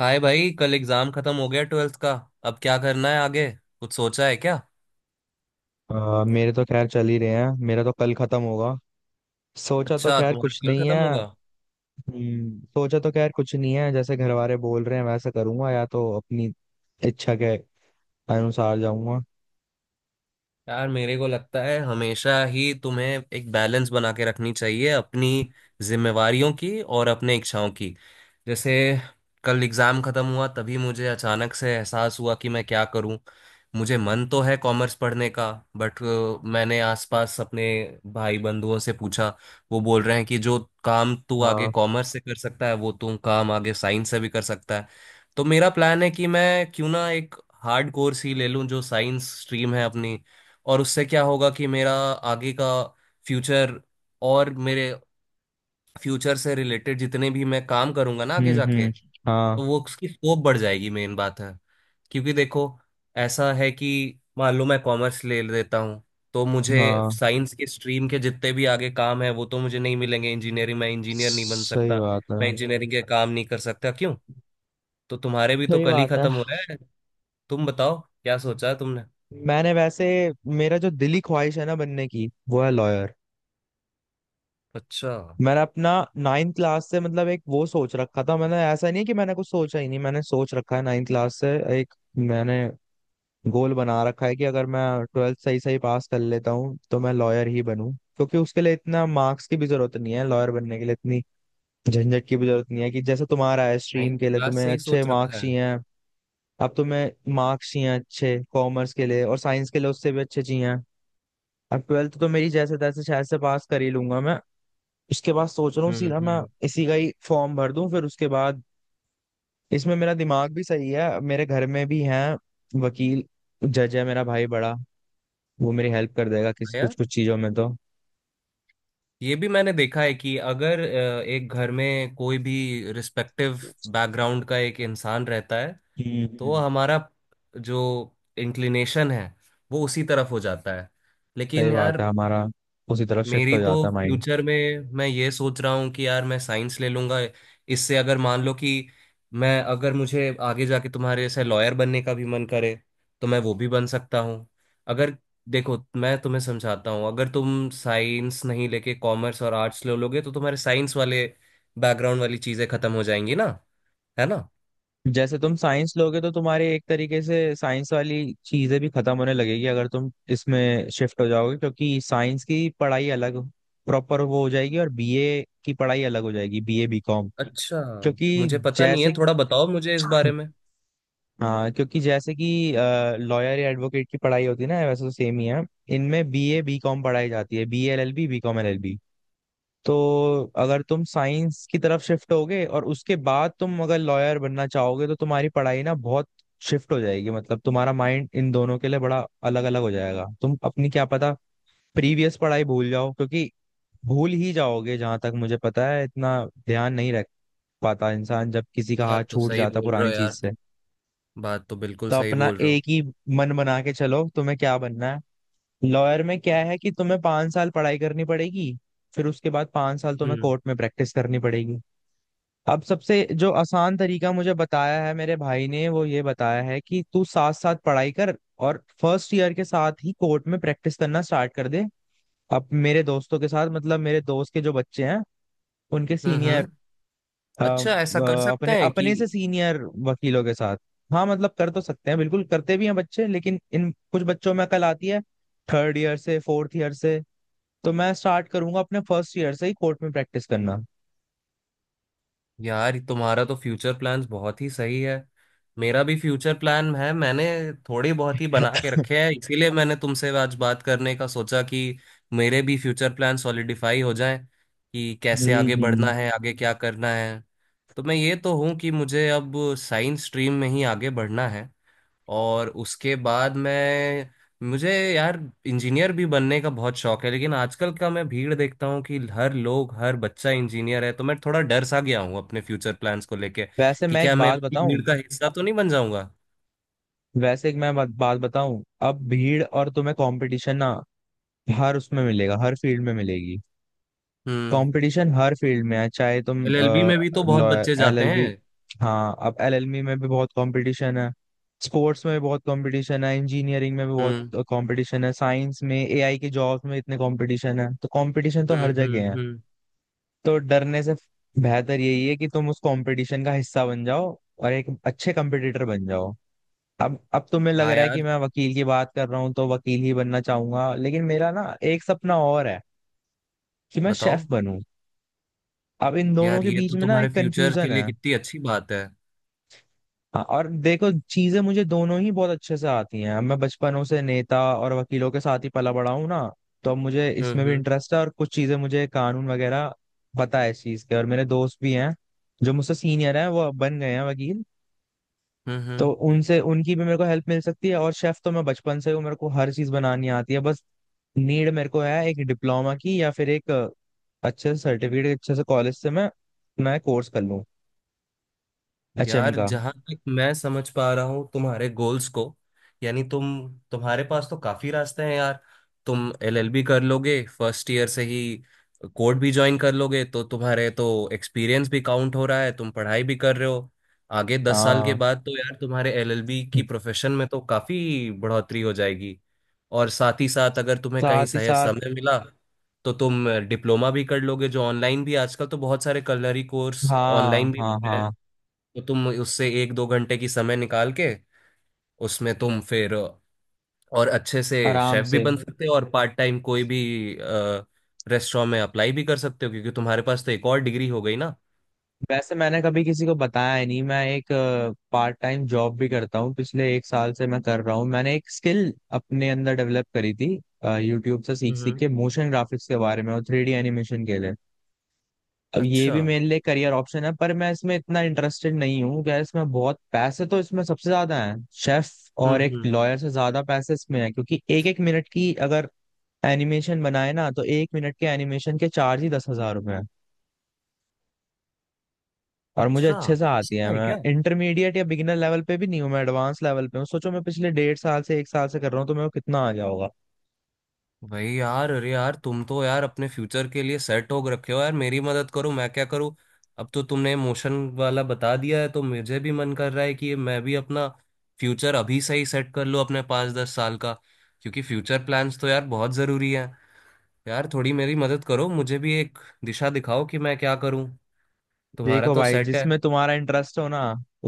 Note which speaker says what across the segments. Speaker 1: हाय भाई, कल एग्जाम खत्म हो गया ट्वेल्थ का। अब क्या करना है आगे? कुछ सोचा है क्या?
Speaker 2: मेरे तो खैर चल ही रहे हैं। मेरा तो कल खत्म होगा। सोचा तो
Speaker 1: अच्छा,
Speaker 2: खैर
Speaker 1: तुम्हारा
Speaker 2: कुछ
Speaker 1: कल
Speaker 2: नहीं
Speaker 1: खत्म
Speaker 2: है।
Speaker 1: होगा।
Speaker 2: सोचा तो खैर कुछ नहीं है जैसे घर वाले बोल रहे हैं वैसे करूंगा, या तो अपनी इच्छा के अनुसार जाऊंगा।
Speaker 1: यार मेरे को लगता है हमेशा ही तुम्हें एक बैलेंस बना के रखनी चाहिए अपनी जिम्मेवारियों की और अपने इच्छाओं की। जैसे कल एग्ज़ाम ख़त्म हुआ तभी मुझे अचानक से एहसास हुआ कि मैं क्या करूं। मुझे मन तो है कॉमर्स पढ़ने का, बट मैंने आसपास अपने भाई बंधुओं से पूछा, वो बोल रहे हैं कि जो काम तू आगे
Speaker 2: हाँ।
Speaker 1: कॉमर्स से कर सकता है वो तू काम आगे साइंस से भी कर सकता है। तो मेरा प्लान है कि मैं क्यों ना एक हार्ड कोर्स ही ले लूं जो साइंस स्ट्रीम है अपनी। और उससे क्या होगा कि मेरा आगे का फ्यूचर और मेरे फ्यूचर से रिलेटेड जितने भी मैं काम करूंगा ना आगे जाके,
Speaker 2: हम्म।
Speaker 1: तो
Speaker 2: हाँ।
Speaker 1: वो उसकी स्कोप बढ़ जाएगी, मेन बात है। क्योंकि देखो, ऐसा है कि मान लो मैं कॉमर्स ले लेता हूँ, तो मुझे
Speaker 2: हाँ।
Speaker 1: साइंस के स्ट्रीम के जितने भी आगे काम है वो तो मुझे नहीं मिलेंगे। इंजीनियरिंग, मैं इंजीनियर नहीं बन
Speaker 2: सही
Speaker 1: सकता,
Speaker 2: बात है।
Speaker 1: मैं इंजीनियरिंग के काम नहीं कर सकता। क्यों? तो तुम्हारे भी तो
Speaker 2: सही
Speaker 1: कल ही
Speaker 2: बात है।
Speaker 1: खत्म हो रहा है। तुम बताओ क्या सोचा है तुमने?
Speaker 2: मैंने वैसे, मेरा जो दिली ख्वाहिश है ना बनने की, वो है लॉयर।
Speaker 1: अच्छा,
Speaker 2: मैंने अपना नाइन्थ क्लास से, मतलब, एक वो सोच रखा था। मैंने, ऐसा नहीं है कि मैंने कुछ सोचा ही नहीं, मैंने सोच रखा है नाइन्थ क्लास से। एक मैंने गोल बना रखा है कि अगर मैं ट्वेल्थ सही सही पास कर लेता हूँ तो मैं लॉयर ही बनूं। क्योंकि उसके लिए इतना मार्क्स की भी जरूरत नहीं है, लॉयर बनने के लिए इतनी झंझट की भी जरूरत नहीं है कि जैसे तुम्हारा है स्ट्रीम
Speaker 1: नाइन्थ
Speaker 2: के लिए
Speaker 1: क्लास
Speaker 2: तुम्हें
Speaker 1: से ही
Speaker 2: अच्छे
Speaker 1: सोच रखा
Speaker 2: मार्क्स
Speaker 1: है।
Speaker 2: चाहिए हैं। अब तुम्हें मार्क्स चाहिए हैं अच्छे कॉमर्स के लिए, और साइंस के लिए उससे भी अच्छे चाहिए हैं। अब ट्वेल्थ तो मेरी जैसे तैसे शायद से पास कर ही लूंगा मैं। उसके बाद सोच रहा हूँ सीधा मैं
Speaker 1: हम्म।
Speaker 2: इसी का ही फॉर्म भर दूं, फिर उसके बाद इसमें मेरा दिमाग भी सही है, मेरे घर में भी हैं वकील। जज है मेरा भाई बड़ा, वो मेरी हेल्प कर देगा
Speaker 1: हाँ
Speaker 2: किसी कुछ
Speaker 1: यार,
Speaker 2: कुछ चीजों में तो।
Speaker 1: ये भी मैंने देखा है कि अगर एक घर में कोई भी रिस्पेक्टिव बैकग्राउंड का एक इंसान रहता है,
Speaker 2: हम्म
Speaker 1: तो
Speaker 2: हम्म।
Speaker 1: हमारा जो इंक्लिनेशन है वो उसी तरफ हो जाता है। लेकिन
Speaker 2: सही बात
Speaker 1: यार
Speaker 2: है, हमारा उसी तरफ शिफ्ट
Speaker 1: मेरी
Speaker 2: हो
Speaker 1: तो
Speaker 2: जाता है माइंड।
Speaker 1: फ्यूचर में मैं ये सोच रहा हूँ कि यार मैं साइंस ले लूंगा। इससे अगर मान लो कि मैं, अगर मुझे आगे जाके तुम्हारे जैसे लॉयर बनने का भी मन करे, तो मैं वो भी बन सकता हूँ। अगर, देखो मैं तुम्हें समझाता हूँ, अगर तुम साइंस नहीं लेके कॉमर्स और आर्ट्स ले लोगे तो तुम्हारे साइंस वाले बैकग्राउंड वाली चीजें खत्म हो जाएंगी ना, है ना?
Speaker 2: जैसे तुम साइंस लोगे तो तुम्हारी एक तरीके से साइंस वाली चीजें भी खत्म होने लगेगी अगर तुम इसमें शिफ्ट हो जाओगे, क्योंकि साइंस की पढ़ाई अलग प्रॉपर वो हो जाएगी और बीए की पढ़ाई अलग हो जाएगी, बीए बीकॉम।
Speaker 1: अच्छा,
Speaker 2: क्योंकि
Speaker 1: मुझे पता नहीं है,
Speaker 2: जैसे,
Speaker 1: थोड़ा बताओ मुझे इस बारे में।
Speaker 2: हाँ, क्योंकि जैसे कि लॉयर या एडवोकेट की पढ़ाई होती है ना, वैसे तो सेम ही है। इनमें बीए बीकॉम पढ़ाई जाती है, B L L B, BCom L. तो अगर तुम साइंस की तरफ शिफ्ट होगे और उसके बाद तुम अगर लॉयर बनना चाहोगे तो तुम्हारी पढ़ाई ना बहुत शिफ्ट हो जाएगी, मतलब तुम्हारा माइंड इन दोनों के लिए बड़ा अलग अलग हो जाएगा। तुम अपनी क्या पता प्रीवियस पढ़ाई भूल जाओ, क्योंकि भूल ही जाओगे, जहां तक मुझे पता है, इतना ध्यान नहीं रख पाता इंसान जब किसी का हाथ
Speaker 1: बात तो
Speaker 2: छूट
Speaker 1: सही
Speaker 2: जाता
Speaker 1: बोल रहे
Speaker 2: पुरानी
Speaker 1: हो
Speaker 2: चीज
Speaker 1: यार
Speaker 2: से।
Speaker 1: तुम, बात तो बिल्कुल
Speaker 2: तो
Speaker 1: सही
Speaker 2: अपना
Speaker 1: बोल रहे हो।
Speaker 2: एक ही मन बना के चलो तुम्हें क्या बनना है। लॉयर में क्या है कि तुम्हें 5 साल पढ़ाई करनी पड़ेगी, फिर उसके बाद 5 साल तुम्हें
Speaker 1: हम्म
Speaker 2: कोर्ट में प्रैक्टिस करनी पड़ेगी। अब सबसे जो आसान तरीका मुझे बताया है मेरे भाई ने, वो ये बताया है कि तू साथ साथ पढ़ाई कर, और फर्स्ट ईयर के साथ ही कोर्ट में प्रैक्टिस करना स्टार्ट कर दे। अब मेरे दोस्तों के साथ, मतलब मेरे दोस्त के जो बच्चे हैं उनके
Speaker 1: हम्म।
Speaker 2: सीनियर,
Speaker 1: अच्छा, ऐसा कर सकते
Speaker 2: अपने
Speaker 1: हैं कि,
Speaker 2: अपने से सीनियर वकीलों के साथ। हाँ, मतलब कर तो सकते हैं, बिल्कुल करते भी हैं बच्चे, लेकिन इन कुछ बच्चों में अकल आती है थर्ड ईयर से, फोर्थ ईयर से। तो मैं स्टार्ट करूंगा अपने फर्स्ट ईयर से ही कोर्ट में प्रैक्टिस करना।
Speaker 1: यार तुम्हारा तो फ्यूचर प्लान्स बहुत ही सही है। मेरा भी फ्यूचर प्लान है, मैंने थोड़ी बहुत ही बना के
Speaker 2: हम्म
Speaker 1: रखे हैं। इसीलिए मैंने तुमसे आज बात करने का सोचा कि मेरे भी फ्यूचर प्लान सॉलिडिफाई हो जाएं कि कैसे आगे
Speaker 2: हम्म।
Speaker 1: बढ़ना है, आगे क्या करना है। तो मैं ये तो हूँ कि मुझे अब साइंस स्ट्रीम में ही आगे बढ़ना है। और उसके बाद मैं, मुझे यार इंजीनियर भी बनने का बहुत शौक है, लेकिन आजकल का मैं भीड़ देखता हूँ कि हर लोग हर बच्चा इंजीनियर है तो मैं थोड़ा डर सा गया हूँ अपने फ्यूचर प्लान्स को लेके
Speaker 2: वैसे
Speaker 1: कि
Speaker 2: मैं
Speaker 1: क्या
Speaker 2: एक
Speaker 1: मैं
Speaker 2: बात
Speaker 1: उसी
Speaker 2: बताऊं।
Speaker 1: भीड़ का हिस्सा तो नहीं बन जाऊंगा।
Speaker 2: वैसे एक मैं बात बात बताऊं। अब भीड़ और तुम्हें कंपटीशन ना, हर उसमें मिलेगा, हर फील्ड में मिलेगी।
Speaker 1: हम्म।
Speaker 2: कंपटीशन हर फील्ड में है, चाहे तुम
Speaker 1: एलएलबी में भी तो बहुत बच्चे
Speaker 2: एल
Speaker 1: जाते
Speaker 2: एल बी।
Speaker 1: हैं।
Speaker 2: हाँ, अब एल एल बी में भी बहुत कंपटीशन है, स्पोर्ट्स में भी बहुत कंपटीशन है, इंजीनियरिंग में भी बहुत
Speaker 1: हम्म
Speaker 2: कंपटीशन है, साइंस में, एआई के जॉब्स में इतने कंपटीशन है, तो कंपटीशन तो हर जगह है।
Speaker 1: हम्म।
Speaker 2: तो डरने से बेहतर यही है कि तुम उस कंपटीशन का हिस्सा बन जाओ और एक अच्छे कंपटीटर बन जाओ। अब तुम्हें लग
Speaker 1: हाँ
Speaker 2: रहा है कि
Speaker 1: यार,
Speaker 2: मैं वकील की बात कर रहा हूँ तो वकील ही बनना चाहूंगा, लेकिन मेरा ना एक सपना और है कि मैं शेफ
Speaker 1: बताओ।
Speaker 2: बनूं। अब इन दोनों
Speaker 1: यार
Speaker 2: के
Speaker 1: ये
Speaker 2: बीच
Speaker 1: तो
Speaker 2: में ना
Speaker 1: तुम्हारे
Speaker 2: एक
Speaker 1: फ्यूचर के
Speaker 2: कंफ्यूजन
Speaker 1: लिए
Speaker 2: है।
Speaker 1: कितनी अच्छी बात है।
Speaker 2: हाँ, और देखो, चीजें मुझे दोनों ही बहुत अच्छे से आती हैं, मैं बचपनों से नेता और वकीलों के साथ ही पला बड़ा हूँ ना। तो अब मुझे
Speaker 1: हम्म
Speaker 2: इसमें भी
Speaker 1: हम्म
Speaker 2: इंटरेस्ट है, और कुछ चीजें मुझे कानून वगैरह पता है इस चीज के। और मेरे दोस्त भी हैं जो मुझसे सीनियर हैं, वो बन गए हैं वकील, तो
Speaker 1: हम्म।
Speaker 2: उनसे उनकी भी मेरे को हेल्प मिल सकती है। और शेफ तो मैं बचपन से हूँ, मेरे को हर चीज बनानी आती है। बस नीड मेरे को है एक डिप्लोमा की, या फिर एक अच्छे से सर्टिफिकेट, अच्छे से कॉलेज से मैं कोर्स कर लूँ एचएम
Speaker 1: यार
Speaker 2: का।
Speaker 1: जहां तक मैं समझ पा रहा हूँ तुम्हारे गोल्स को, यानी तुम, तुम्हारे पास तो काफी रास्ते हैं यार। तुम एलएलबी कर लोगे, फर्स्ट ईयर से ही कोर्ट भी ज्वाइन कर लोगे, तो तुम्हारे तो एक्सपीरियंस भी काउंट हो रहा है, तुम पढ़ाई भी कर रहे हो। आगे 10 साल के
Speaker 2: हाँ।
Speaker 1: बाद तो यार तुम्हारे एलएलबी की प्रोफेशन में तो काफी बढ़ोतरी हो जाएगी। और साथ ही साथ अगर तुम्हें
Speaker 2: साथ
Speaker 1: कहीं
Speaker 2: ही
Speaker 1: सही
Speaker 2: साथ।
Speaker 1: समय मिला, तो तुम डिप्लोमा भी कर लोगे, जो ऑनलाइन भी आजकल तो बहुत सारे कलरी कोर्स
Speaker 2: हाँ
Speaker 1: ऑनलाइन भी।
Speaker 2: हाँ हाँ।
Speaker 1: तो तुम उससे एक दो घंटे की समय निकाल के, उसमें तुम फिर और अच्छे से
Speaker 2: आराम
Speaker 1: शेफ भी
Speaker 2: से।
Speaker 1: बन सकते हो, और पार्ट टाइम कोई भी रेस्टोरेंट में अप्लाई भी कर सकते हो क्योंकि तुम्हारे पास तो एक और डिग्री हो गई ना।
Speaker 2: वैसे मैंने कभी किसी को बताया ही नहीं, मैं एक पार्ट टाइम जॉब भी करता हूँ, पिछले एक साल से मैं कर रहा हूँ। मैंने एक स्किल अपने अंदर डेवलप करी थी, यूट्यूब से सीख सीख
Speaker 1: हम्म।
Speaker 2: के, मोशन ग्राफिक्स के बारे में और थ्री डी एनिमेशन के लिए। अब ये
Speaker 1: अच्छा।
Speaker 2: भी मेरे लिए करियर ऑप्शन है, पर मैं इसमें इतना इंटरेस्टेड नहीं हूँ क्या, इसमें बहुत पैसे, तो इसमें सबसे ज्यादा है शेफ। और एक
Speaker 1: हम्म।
Speaker 2: लॉयर से ज्यादा पैसे इसमें है, क्योंकि एक एक मिनट की अगर एनिमेशन बनाए ना, तो 1 मिनट के एनिमेशन के चार्ज ही 10,000 रुपए हैं। और मुझे
Speaker 1: अच्छा,
Speaker 2: अच्छे से आती
Speaker 1: अच्छा
Speaker 2: है,
Speaker 1: है
Speaker 2: मैं
Speaker 1: क्या?
Speaker 2: इंटरमीडिएट या बिगिनर लेवल पे भी नहीं हूँ, मैं एडवांस लेवल पे हूँ। सोचो, मैं पिछले डेढ़ साल से, एक साल से कर रहा हूँ, तो मेरे को कितना आ गया होगा।
Speaker 1: भाई यार, अरे यार तुम तो यार अपने फ्यूचर के लिए सेट हो रखे हो। यार मेरी मदद करो, मैं क्या करूँ? अब तो तुमने मोशन वाला बता दिया है, तो मुझे भी मन कर रहा है कि मैं भी अपना फ्यूचर अभी से ही सेट कर लूँ अपने पाँच दस साल का। क्योंकि फ्यूचर प्लान्स तो यार बहुत ज़रूरी है। यार थोड़ी मेरी मदद करो, मुझे भी एक दिशा दिखाओ कि मैं क्या करूँ। तुम्हारा
Speaker 2: देखो
Speaker 1: तो
Speaker 2: भाई,
Speaker 1: सेट है।
Speaker 2: जिसमें तुम्हारा इंटरेस्ट हो ना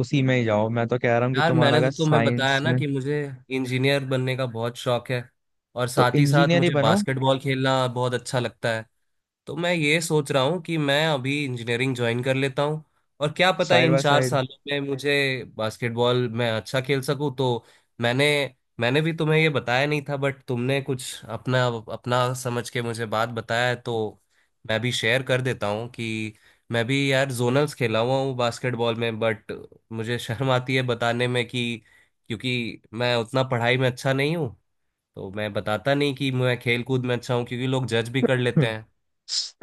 Speaker 2: उसी में ही जाओ। मैं तो कह रहा हूँ कि
Speaker 1: यार
Speaker 2: तुम्हारा
Speaker 1: मैंने
Speaker 2: अगर
Speaker 1: तो तुम्हें बताया
Speaker 2: साइंस
Speaker 1: ना
Speaker 2: में,
Speaker 1: कि मुझे इंजीनियर बनने का बहुत शौक है, और
Speaker 2: तो
Speaker 1: साथ ही साथ
Speaker 2: इंजीनियर ही
Speaker 1: मुझे
Speaker 2: बनो।
Speaker 1: बास्केटबॉल खेलना बहुत अच्छा लगता है। तो मैं ये सोच रहा हूँ कि मैं अभी इंजीनियरिंग ज्वाइन कर लेता हूँ, और क्या पता
Speaker 2: साइड
Speaker 1: इन
Speaker 2: बाय
Speaker 1: चार
Speaker 2: साइड।
Speaker 1: सालों में मुझे बास्केटबॉल में अच्छा खेल सकूँ तो। मैंने मैंने भी तुम्हें ये बताया नहीं था, बट तुमने कुछ अपना अपना समझ के मुझे बात बताया है, तो मैं भी शेयर कर देता हूँ कि मैं भी यार जोनल्स खेला हुआ हूँ बास्केटबॉल में, बट मुझे शर्म आती है बताने में कि, क्योंकि मैं उतना पढ़ाई में अच्छा नहीं हूँ तो मैं बताता नहीं कि मैं खेल कूद में अच्छा हूँ क्योंकि लोग जज भी कर लेते हैं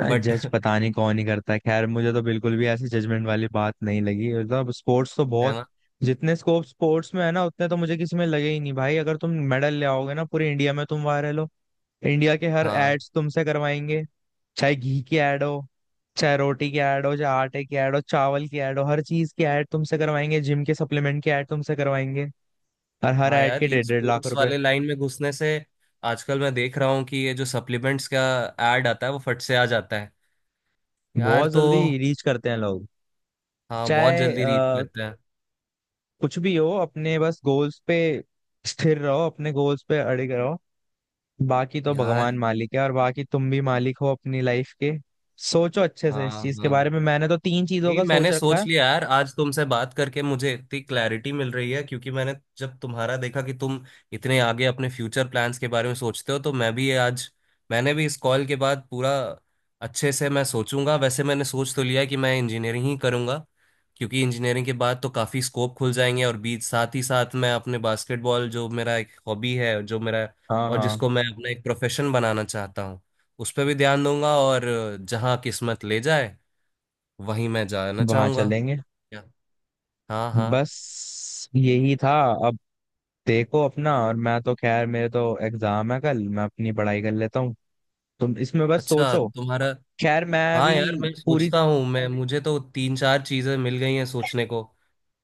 Speaker 1: बट
Speaker 2: जज पता नहीं कौन ही करता है, खैर मुझे तो बिल्कुल भी ऐसी जजमेंट वाली बात नहीं लगी। मतलब स्पोर्ट्स तो
Speaker 1: है
Speaker 2: बहुत,
Speaker 1: ना।
Speaker 2: जितने स्कोप स्पोर्ट्स में है ना, उतने तो मुझे किसी में लगे ही नहीं। भाई अगर तुम मेडल ले आओगे ना, पूरे इंडिया में तुम वायरल हो। इंडिया के हर
Speaker 1: हाँ
Speaker 2: एड्स तुमसे करवाएंगे। चाहे घी की एड हो, चाहे रोटी की एड हो, चाहे आटे की एड हो, चावल की एड हो, हर चीज की एड तुमसे करवाएंगे, जिम के सप्लीमेंट की एड तुमसे करवाएंगे। और हर
Speaker 1: हाँ,
Speaker 2: एड
Speaker 1: यार
Speaker 2: के
Speaker 1: ये
Speaker 2: डेढ़ डेढ़ लाख
Speaker 1: स्पोर्ट्स
Speaker 2: रुपए।
Speaker 1: वाले लाइन में घुसने से, आजकल मैं देख रहा हूँ कि ये जो सप्लीमेंट्स का एड आता है वो फट से आ जाता है। यार
Speaker 2: बहुत
Speaker 1: तो।
Speaker 2: जल्दी रीच करते हैं लोग।
Speaker 1: हाँ बहुत
Speaker 2: चाहे
Speaker 1: जल्दी रीच करता है।
Speaker 2: कुछ भी हो, अपने बस गोल्स पे स्थिर रहो, अपने गोल्स पे अड़िग रहो। बाकी तो
Speaker 1: यार
Speaker 2: भगवान मालिक है, और बाकी तुम भी मालिक हो अपनी लाइफ के। सोचो अच्छे से इस
Speaker 1: हाँ
Speaker 2: चीज के बारे
Speaker 1: हाँ
Speaker 2: में, मैंने तो तीन चीजों
Speaker 1: जी,
Speaker 2: का सोच
Speaker 1: मैंने
Speaker 2: रखा
Speaker 1: सोच
Speaker 2: है।
Speaker 1: लिया यार, आज तुमसे बात करके मुझे इतनी क्लैरिटी मिल रही है क्योंकि मैंने जब तुम्हारा देखा कि तुम इतने आगे अपने फ्यूचर प्लान्स के बारे में सोचते हो, तो मैं भी ये आज, मैंने भी इस कॉल के बाद पूरा अच्छे से मैं सोचूंगा। वैसे मैंने सोच तो लिया है कि मैं इंजीनियरिंग ही करूंगा, क्योंकि इंजीनियरिंग के बाद तो काफ़ी स्कोप खुल जाएंगे, और बीच साथ ही साथ मैं अपने बास्केटबॉल जो मेरा एक हॉबी है, जो मेरा
Speaker 2: हाँ
Speaker 1: और
Speaker 2: हाँ।
Speaker 1: जिसको मैं अपना एक प्रोफेशन बनाना चाहता हूँ, उस पर भी ध्यान दूंगा, और जहाँ किस्मत ले जाए वहीं मैं जाना
Speaker 2: वहां
Speaker 1: चाहूंगा।
Speaker 2: चलेंगे।
Speaker 1: क्या? हाँ हाँ।
Speaker 2: बस यही था। अब देखो अपना, और मैं तो खैर, मेरे तो एग्जाम है कल, मैं अपनी पढ़ाई कर लेता हूँ, तुम इसमें बस
Speaker 1: अच्छा,
Speaker 2: सोचो।
Speaker 1: तुम्हारा।
Speaker 2: खैर मैं
Speaker 1: हाँ
Speaker 2: अभी।
Speaker 1: यार, मैं
Speaker 2: पूरी।
Speaker 1: सोचता हूँ, मैं, मुझे तो तीन चार चीजें मिल गई हैं सोचने को।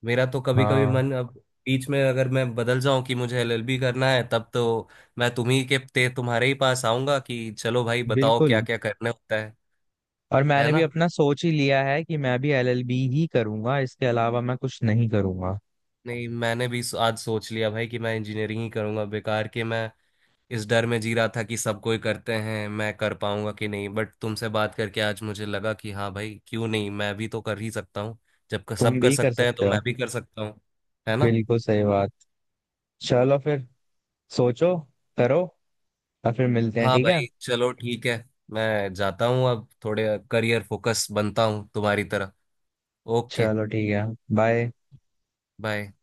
Speaker 1: मेरा तो कभी कभी
Speaker 2: हाँ।
Speaker 1: मन अब बीच में अगर मैं बदल जाऊं कि मुझे एलएलबी करना है, तब तो मैं तुम्ही के ते तुम्हारे ही पास आऊंगा कि चलो भाई बताओ
Speaker 2: बिल्कुल,
Speaker 1: क्या क्या करना होता है।
Speaker 2: और
Speaker 1: है
Speaker 2: मैंने भी
Speaker 1: ना।
Speaker 2: अपना सोच ही लिया है कि मैं भी एलएलबी ही करूंगा, इसके अलावा मैं कुछ नहीं करूंगा।
Speaker 1: नहीं मैंने भी आज सोच लिया भाई कि मैं इंजीनियरिंग ही करूंगा। बेकार के मैं इस डर में जी रहा था कि सब कोई करते हैं मैं कर पाऊंगा कि नहीं, बट तुमसे बात करके आज मुझे लगा कि हाँ भाई क्यों नहीं, मैं भी तो कर ही सकता हूँ। जब सब
Speaker 2: तुम
Speaker 1: कर
Speaker 2: भी कर
Speaker 1: सकते हैं तो
Speaker 2: सकते हो।
Speaker 1: मैं भी कर सकता हूँ। है ना।
Speaker 2: बिल्कुल सही बात। चलो फिर, सोचो, करो, और फिर मिलते हैं,
Speaker 1: हाँ
Speaker 2: ठीक है।
Speaker 1: भाई चलो ठीक है, मैं जाता हूँ अब, थोड़े करियर फोकस बनता हूँ तुम्हारी तरह। ओके।
Speaker 2: चलो ठीक है। बाय।
Speaker 1: बाय।